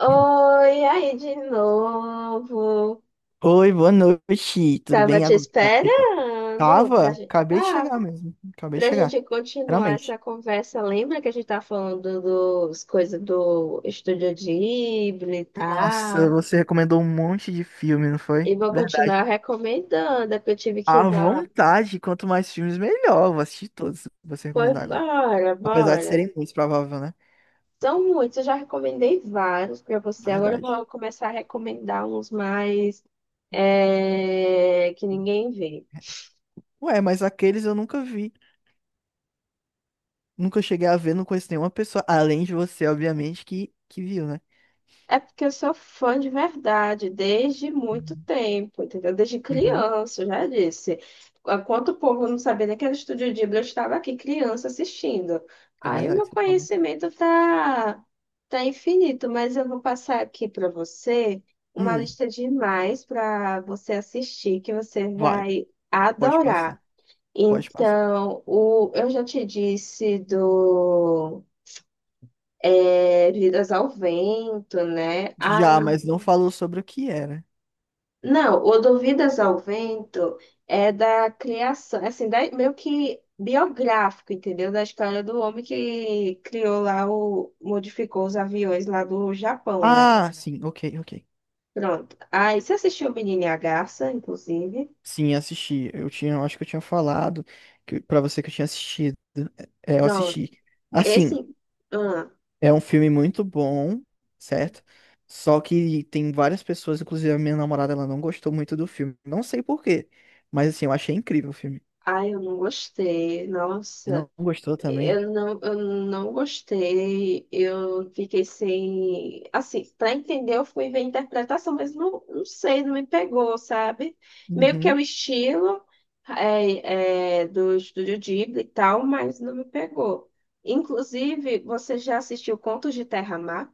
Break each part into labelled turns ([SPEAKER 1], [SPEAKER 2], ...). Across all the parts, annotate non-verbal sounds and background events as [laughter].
[SPEAKER 1] Oi, aí de novo.
[SPEAKER 2] Oi, boa noite. Tudo
[SPEAKER 1] Tava
[SPEAKER 2] bem?
[SPEAKER 1] te
[SPEAKER 2] Agora como é que você tá?
[SPEAKER 1] esperando
[SPEAKER 2] Tava?
[SPEAKER 1] pra gente,
[SPEAKER 2] Acabei de
[SPEAKER 1] tá?
[SPEAKER 2] chegar mesmo. Acabei de
[SPEAKER 1] Pra
[SPEAKER 2] chegar.
[SPEAKER 1] gente continuar
[SPEAKER 2] Realmente.
[SPEAKER 1] essa conversa. Lembra que a gente tá falando dos coisas do Estúdio Ghibli e
[SPEAKER 2] Nossa,
[SPEAKER 1] tal?
[SPEAKER 2] você recomendou um monte de filme, não foi?
[SPEAKER 1] E vou
[SPEAKER 2] Verdade.
[SPEAKER 1] continuar recomendando, é que eu tive que
[SPEAKER 2] À
[SPEAKER 1] dar.
[SPEAKER 2] vontade, quanto mais filmes, melhor. Vou assistir todos que você
[SPEAKER 1] Pois
[SPEAKER 2] recomendar agora.
[SPEAKER 1] bora,
[SPEAKER 2] Apesar de
[SPEAKER 1] bora.
[SPEAKER 2] serem muitos, provável, né?
[SPEAKER 1] São muitos, eu já recomendei vários pra você. Agora eu
[SPEAKER 2] Verdade.
[SPEAKER 1] vou começar a recomendar uns mais que ninguém vê.
[SPEAKER 2] Ué, mas aqueles eu nunca vi. Nunca cheguei a ver, não conheço nenhuma pessoa, além de você, obviamente, que viu, né?
[SPEAKER 1] É porque eu sou fã de verdade, desde muito tempo, entendeu? Desde
[SPEAKER 2] Uhum,
[SPEAKER 1] criança, eu já disse. Enquanto o povo não sabia nem que era Estúdio Ghibli, eu estava aqui criança assistindo.
[SPEAKER 2] é
[SPEAKER 1] Aí o meu
[SPEAKER 2] verdade, você falou.
[SPEAKER 1] conhecimento tá, tá infinito, mas eu vou passar aqui para você uma
[SPEAKER 2] Hum,
[SPEAKER 1] lista de mais para você assistir, que você
[SPEAKER 2] vai,
[SPEAKER 1] vai
[SPEAKER 2] pode passar.
[SPEAKER 1] adorar.
[SPEAKER 2] Pode passar.
[SPEAKER 1] Então, eu já te disse do Vidas ao Vento, né?
[SPEAKER 2] Já,
[SPEAKER 1] Ai,
[SPEAKER 2] mas não falou sobre o que era.
[SPEAKER 1] não, o Duvidas ao Vento é da criação, assim, meio que biográfico, entendeu? Da história do homem que criou lá, modificou os aviões lá do Japão, né?
[SPEAKER 2] Ah, sim, ok, ok.
[SPEAKER 1] Pronto. Aí você assistiu o Menino e a Garça, inclusive?
[SPEAKER 2] Sim, assisti. Eu tinha, eu acho que eu tinha falado pra você que eu tinha assistido. É, eu
[SPEAKER 1] Pronto.
[SPEAKER 2] assisti. Assim,
[SPEAKER 1] Esse. Ah,
[SPEAKER 2] é um filme muito bom, certo? Só que tem várias pessoas, inclusive a minha namorada, ela não gostou muito do filme. Não sei por quê, mas assim, eu achei incrível o filme.
[SPEAKER 1] ai, eu não gostei.
[SPEAKER 2] Você não
[SPEAKER 1] Nossa.
[SPEAKER 2] gostou também?
[SPEAKER 1] Eu não gostei, eu fiquei sem. Assim, para entender, eu fui ver a interpretação, mas não, não sei, não me pegou, sabe? Meio que é
[SPEAKER 2] Uhum.
[SPEAKER 1] o estilo do estúdio Ghibli e tal, mas não me pegou. Inclusive, você já assistiu Contos de Terra-Mar?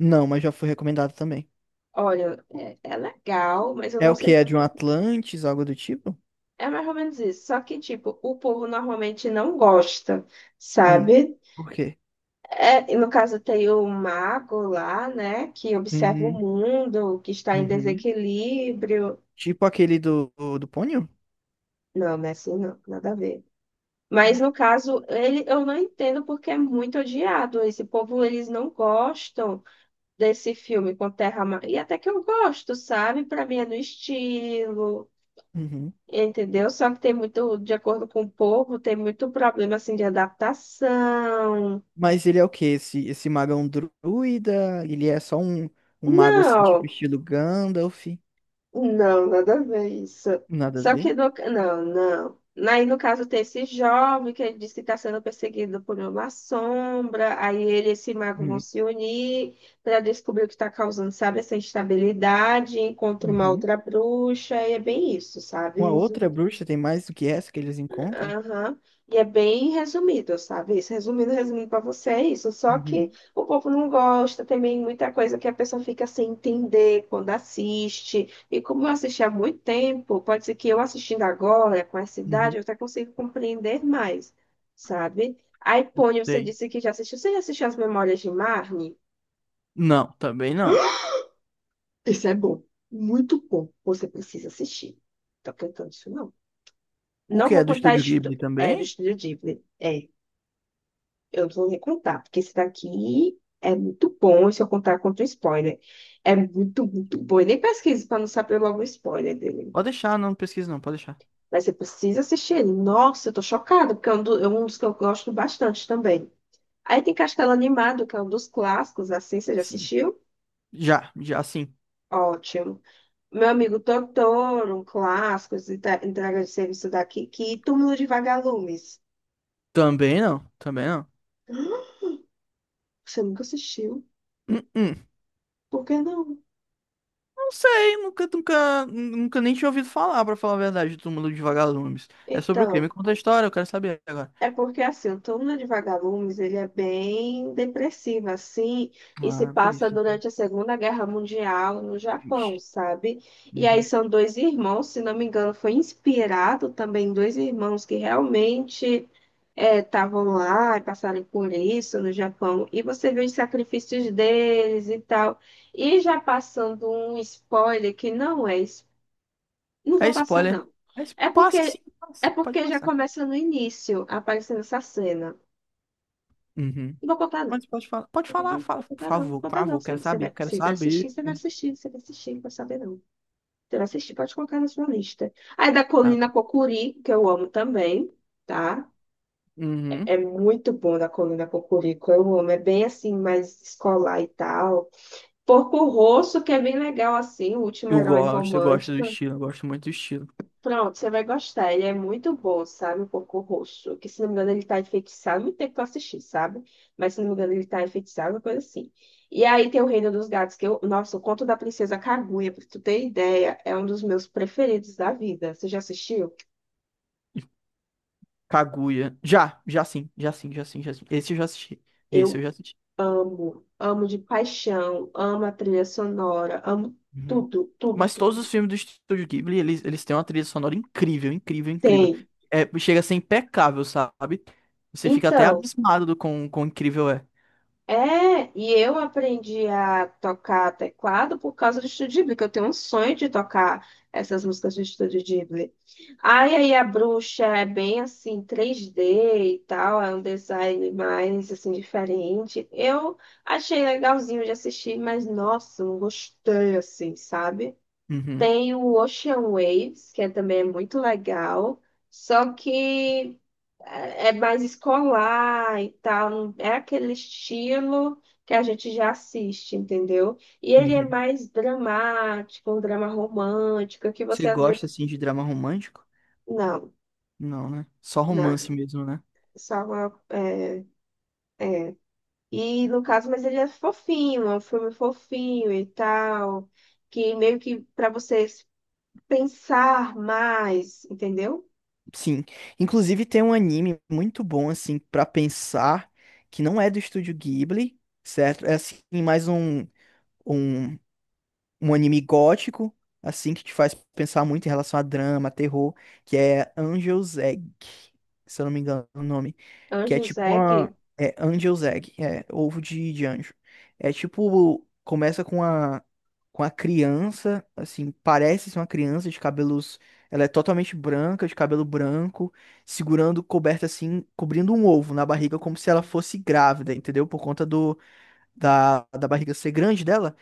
[SPEAKER 2] Não, mas já foi recomendado também.
[SPEAKER 1] Olha, é legal, mas eu
[SPEAKER 2] É
[SPEAKER 1] não
[SPEAKER 2] o que?
[SPEAKER 1] sei.
[SPEAKER 2] É de um Atlantis, algo do tipo?
[SPEAKER 1] É mais ou menos isso. Só que, tipo, o povo normalmente não gosta,
[SPEAKER 2] Hum,
[SPEAKER 1] sabe?
[SPEAKER 2] por quê?
[SPEAKER 1] É, e no caso tem o mago lá, né, que observa o
[SPEAKER 2] Uhum,
[SPEAKER 1] mundo, que está em
[SPEAKER 2] uhum.
[SPEAKER 1] desequilíbrio.
[SPEAKER 2] Tipo aquele do Ponyo?
[SPEAKER 1] Não, não é assim, não, nada a ver. Mas
[SPEAKER 2] É.
[SPEAKER 1] no caso, ele, eu não entendo porque é muito odiado. Esse povo, eles não gostam desse filme com e até que eu gosto, sabe? Para mim é no estilo,
[SPEAKER 2] Uhum.
[SPEAKER 1] entendeu? Só que tem muito, de acordo com o povo, tem muito problema assim de adaptação.
[SPEAKER 2] Mas ele é o quê? Esse mago é um druida? Ele é só um mago assim,
[SPEAKER 1] Não.
[SPEAKER 2] tipo estilo Gandalf?
[SPEAKER 1] Não, nada a ver isso.
[SPEAKER 2] Nada a
[SPEAKER 1] Só que
[SPEAKER 2] ver?
[SPEAKER 1] no... Não, não. Aí, no caso, tem esse jovem que ele diz que está sendo perseguido por uma sombra. Aí ele e esse mago vão
[SPEAKER 2] Uhum.
[SPEAKER 1] se unir para descobrir o que está causando, sabe, essa instabilidade. Encontra uma
[SPEAKER 2] Uhum.
[SPEAKER 1] outra bruxa. E é bem isso,
[SPEAKER 2] Uma
[SPEAKER 1] sabe?
[SPEAKER 2] outra bruxa tem mais do que essa que eles encontram?
[SPEAKER 1] Aham. E é bem resumido, sabe? Isso, resumindo para você, é isso. Só que
[SPEAKER 2] Uhum.
[SPEAKER 1] o povo não gosta, também muita coisa que a pessoa fica sem entender quando assiste. E como eu assisti há muito tempo, pode ser que eu assistindo agora, com essa idade,
[SPEAKER 2] Uhum.
[SPEAKER 1] eu até consigo compreender mais, sabe? Aí, Pony, você
[SPEAKER 2] Sei.
[SPEAKER 1] disse que já assistiu. Você já assistiu As Memórias de Marnie?
[SPEAKER 2] Não, também não.
[SPEAKER 1] Isso é bom, muito bom. Você precisa assistir. Tô cantando isso, não.
[SPEAKER 2] O
[SPEAKER 1] Não
[SPEAKER 2] que
[SPEAKER 1] vou
[SPEAKER 2] é do
[SPEAKER 1] contar a
[SPEAKER 2] Estúdio Ghibli
[SPEAKER 1] do
[SPEAKER 2] também?
[SPEAKER 1] Estúdio Ghibli. É. Eu vou recrutar, porque esse daqui é muito bom, se eu contar contra o spoiler. É muito, muito bom. E nem pesquise para não saber logo o spoiler dele.
[SPEAKER 2] Pode deixar, não pesquisa não, pode deixar.
[SPEAKER 1] Mas você precisa assistir ele. Nossa, eu tô chocada, porque é um, é um dos que eu gosto bastante também. Aí tem Castelo Animado, que é um dos clássicos, assim, você já
[SPEAKER 2] Sim.
[SPEAKER 1] assistiu?
[SPEAKER 2] Já, já sim.
[SPEAKER 1] Ótimo. Meu amigo Totoro, um clássico, esse entrega de serviço daqui, que Túmulo de Vagalumes.
[SPEAKER 2] Também não, também não.
[SPEAKER 1] Você nunca assistiu?
[SPEAKER 2] Hum, hum.
[SPEAKER 1] Por que não?
[SPEAKER 2] Não sei, nunca nem tinha ouvido falar, pra falar a verdade, do Túmulo dos Vagalumes. É sobre o quê? Me
[SPEAKER 1] Então.
[SPEAKER 2] conta a história, eu quero saber agora.
[SPEAKER 1] É porque, assim, o turno de vagalumes, ele é bem depressivo, assim, e se
[SPEAKER 2] Ah, é por
[SPEAKER 1] passa
[SPEAKER 2] isso.
[SPEAKER 1] durante a Segunda Guerra Mundial no Japão,
[SPEAKER 2] Vixe.
[SPEAKER 1] sabe? E aí
[SPEAKER 2] Uhum.
[SPEAKER 1] são dois irmãos, se não me engano, foi inspirado também em dois irmãos que realmente estavam lá e passaram por isso no Japão. E você vê os sacrifícios deles e tal. E já passando um spoiler que não é não
[SPEAKER 2] É
[SPEAKER 1] vou passar,
[SPEAKER 2] spoiler.
[SPEAKER 1] não.
[SPEAKER 2] É spo-
[SPEAKER 1] É
[SPEAKER 2] Passe
[SPEAKER 1] porque,
[SPEAKER 2] sim,
[SPEAKER 1] é
[SPEAKER 2] passe. Pode
[SPEAKER 1] porque já
[SPEAKER 2] passar.
[SPEAKER 1] começa no início aparecendo essa cena.
[SPEAKER 2] Uhum.
[SPEAKER 1] Não vou contar, não.
[SPEAKER 2] Mas pode falar. Pode falar,
[SPEAKER 1] Não
[SPEAKER 2] fala.
[SPEAKER 1] vou contar, não. Não vou
[SPEAKER 2] Por
[SPEAKER 1] contar, não.
[SPEAKER 2] favor,
[SPEAKER 1] Você,
[SPEAKER 2] quero
[SPEAKER 1] você
[SPEAKER 2] saber, eu
[SPEAKER 1] vai,
[SPEAKER 2] quero
[SPEAKER 1] você vai assistir,
[SPEAKER 2] saber.
[SPEAKER 1] você vai assistir, você vai assistir, não vou saber, não. Você vai assistir, pode colocar na sua lista. Aí da
[SPEAKER 2] Tá.
[SPEAKER 1] Colina Cocuri, que eu amo também, tá?
[SPEAKER 2] Uhum.
[SPEAKER 1] É muito bom da Colina Cocorico, eu amo. É bem assim, mais escolar e tal. Porco Rosso, que é bem legal, assim, o último herói
[SPEAKER 2] Eu gosto do
[SPEAKER 1] romântico.
[SPEAKER 2] estilo, eu gosto muito do estilo.
[SPEAKER 1] Pronto, você vai gostar. Ele é muito bom, sabe? O Porco Rosso. Que se não me engano, ele tá enfeitiçado. Muito tempo que eu assisti, sabe? Mas se não me engano, ele tá enfeitiçado, uma coisa assim. E aí tem o Reino dos Gatos, que eu. Nossa, o Conto da Princesa Kaguya, pra tu ter ideia, é um dos meus preferidos da vida. Você já assistiu?
[SPEAKER 2] Kaguya. Já, já sim, já sim, já sim, já sim. Esse eu já assisti. Esse
[SPEAKER 1] Eu
[SPEAKER 2] eu já assisti.
[SPEAKER 1] amo, amo de paixão, amo a trilha sonora, amo
[SPEAKER 2] Uhum.
[SPEAKER 1] tudo, tudo,
[SPEAKER 2] Mas todos
[SPEAKER 1] tudo.
[SPEAKER 2] os filmes do Estúdio Ghibli, eles têm uma trilha sonora incrível, incrível, incrível.
[SPEAKER 1] Tem.
[SPEAKER 2] É, chega a ser impecável, sabe? Você fica até
[SPEAKER 1] Então.
[SPEAKER 2] abismado do quão incrível é.
[SPEAKER 1] É, e eu aprendi a tocar teclado por causa do Estúdio Ghibli, que eu tenho um sonho de tocar essas músicas do Estúdio Ghibli. Ai, aí a bruxa é bem assim, 3D e tal, é um design mais assim diferente. Eu achei legalzinho de assistir, mas nossa, não gostei assim, sabe?
[SPEAKER 2] Uhum,
[SPEAKER 1] Tem o Ocean Waves, também é muito legal, só que é mais escolar e tal, não é aquele estilo que a gente já assiste, entendeu? E ele é
[SPEAKER 2] uhum.
[SPEAKER 1] mais dramático, um drama romântico, que você
[SPEAKER 2] Você
[SPEAKER 1] às
[SPEAKER 2] gosta,
[SPEAKER 1] vezes.
[SPEAKER 2] assim, de drama romântico?
[SPEAKER 1] Não,
[SPEAKER 2] Não, né? Só
[SPEAKER 1] não,
[SPEAKER 2] romance mesmo, né?
[SPEAKER 1] só uma. É, é. E no caso, mas ele é fofinho, é um filme fofinho e tal, que meio que para vocês pensar mais, entendeu?
[SPEAKER 2] Sim. Inclusive tem um anime muito bom, assim, pra pensar, que não é do Estúdio Ghibli, certo? É, assim, mais um, um um anime gótico, assim, que te faz pensar muito em relação a drama, terror, que é Angel's Egg, se eu não me engano o nome, que é
[SPEAKER 1] Anjo
[SPEAKER 2] tipo
[SPEAKER 1] Zack,
[SPEAKER 2] uma... É Angel's Egg, é ovo de anjo. É tipo, começa com a criança, assim, parece ser uma criança de cabelos... Ela é totalmente branca, de cabelo branco, segurando, coberta assim, cobrindo um ovo na barriga, como se ela fosse grávida, entendeu? Por conta da barriga ser grande dela.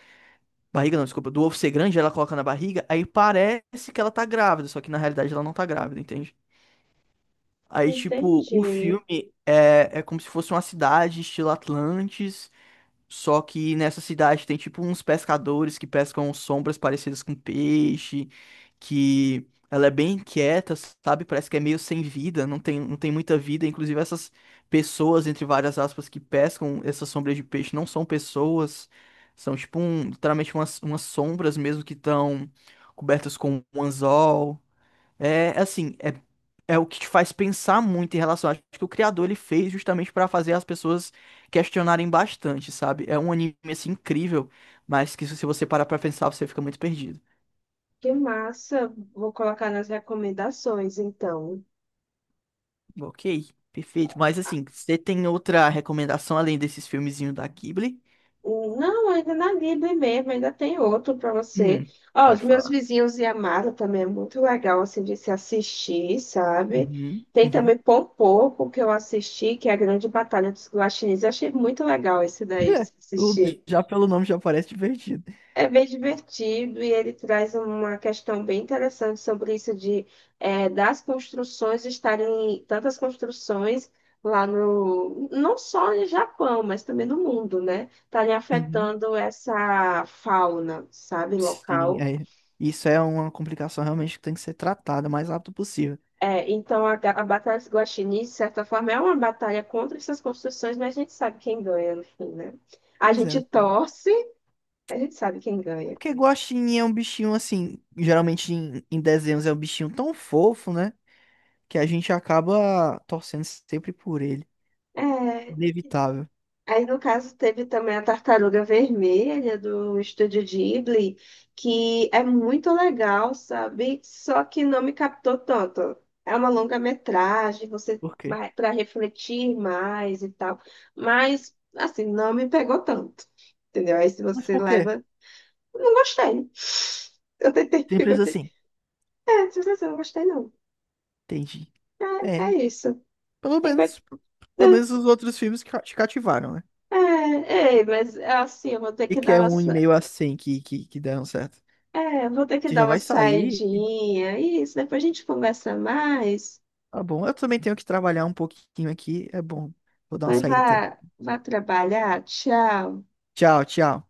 [SPEAKER 2] Barriga não, desculpa. Do ovo ser grande, ela coloca na barriga, aí parece que ela tá grávida, só que na realidade ela não tá grávida, entende? Aí, tipo, o
[SPEAKER 1] entendi.
[SPEAKER 2] filme é como se fosse uma cidade, estilo Atlantis, só que nessa cidade tem tipo uns pescadores que pescam sombras parecidas com peixe, que ela é bem inquieta, sabe? Parece que é meio sem vida, não tem muita vida. Inclusive, essas pessoas, entre várias aspas, que pescam essas sombras de peixe não são pessoas, são tipo um, literalmente umas sombras mesmo que estão cobertas com um anzol. É assim, é, é o que te faz pensar muito em relação. Acho que o criador ele fez justamente pra fazer as pessoas questionarem bastante, sabe? É um anime assim incrível, mas que se você parar pra pensar, você fica muito perdido.
[SPEAKER 1] Que massa. Vou colocar nas recomendações, então.
[SPEAKER 2] Ok, perfeito. Mas assim, você tem outra recomendação além desses filmezinhos da Ghibli?
[SPEAKER 1] Não, ainda na Libre mesmo, ainda tem outro para você.
[SPEAKER 2] Hum,
[SPEAKER 1] Ó, Os
[SPEAKER 2] Pode
[SPEAKER 1] Meus
[SPEAKER 2] falar.
[SPEAKER 1] Vizinhos e Amada também é muito legal, assim, de se assistir, sabe?
[SPEAKER 2] Uhum,
[SPEAKER 1] Tem
[SPEAKER 2] uhum.
[SPEAKER 1] também Pompoco, que eu assisti, que é a Grande Batalha dos Guaxinins. Eu achei muito legal esse daí de se
[SPEAKER 2] [laughs] O-
[SPEAKER 1] assistir.
[SPEAKER 2] Já pelo nome já parece divertido.
[SPEAKER 1] É bem divertido e ele traz uma questão bem interessante sobre isso de das construções estarem tantas construções lá no não só no Japão, mas também no mundo, né? Estarem
[SPEAKER 2] Uhum.
[SPEAKER 1] afetando essa fauna, sabe,
[SPEAKER 2] Sim,
[SPEAKER 1] local.
[SPEAKER 2] é. Isso é uma complicação realmente que tem que ser tratada o mais rápido possível.
[SPEAKER 1] É, então a batalha dos guaxinins, de certa forma, é uma batalha contra essas construções, mas a gente sabe quem ganha no fim, né? A
[SPEAKER 2] Pois é.
[SPEAKER 1] gente
[SPEAKER 2] É.
[SPEAKER 1] torce, a gente sabe quem ganha.
[SPEAKER 2] Porque guaxinim é um bichinho assim, geralmente em desenhos é um bichinho tão fofo, né? Que a gente acaba torcendo sempre por ele.
[SPEAKER 1] É.
[SPEAKER 2] Inevitável.
[SPEAKER 1] Aí, no caso, teve também a Tartaruga Vermelha do Estúdio Ghibli, que é muito legal, sabe? Só que não me captou tanto. É uma longa-metragem, você
[SPEAKER 2] Por quê?
[SPEAKER 1] vai para refletir mais e tal. Mas, assim, não me pegou tanto. Entendeu? Aí, se
[SPEAKER 2] Mas
[SPEAKER 1] você
[SPEAKER 2] por quê?
[SPEAKER 1] leva. Eu não gostei. Eu tentei, [laughs] eu
[SPEAKER 2] Simples
[SPEAKER 1] gostei.
[SPEAKER 2] assim.
[SPEAKER 1] É, se você não gostei, não.
[SPEAKER 2] Entendi. É,
[SPEAKER 1] É, é isso.
[SPEAKER 2] pelo
[SPEAKER 1] Tem coisa.
[SPEAKER 2] menos, pelo menos os outros filmes ca- te cativaram, né?
[SPEAKER 1] É, é, é, mas assim, eu vou ter
[SPEAKER 2] E
[SPEAKER 1] que
[SPEAKER 2] que
[SPEAKER 1] dar
[SPEAKER 2] é
[SPEAKER 1] uma.
[SPEAKER 2] um e meio assim que deram certo.
[SPEAKER 1] É, eu vou ter que
[SPEAKER 2] Você já
[SPEAKER 1] dar uma
[SPEAKER 2] vai sair,
[SPEAKER 1] saidinha. Isso, depois a gente conversa mais.
[SPEAKER 2] tá bom. Eu também tenho que trabalhar um pouquinho aqui, é bom. Vou dar uma
[SPEAKER 1] Vai,
[SPEAKER 2] saída também.
[SPEAKER 1] vá trabalhar. Tchau.
[SPEAKER 2] Tchau, tchau.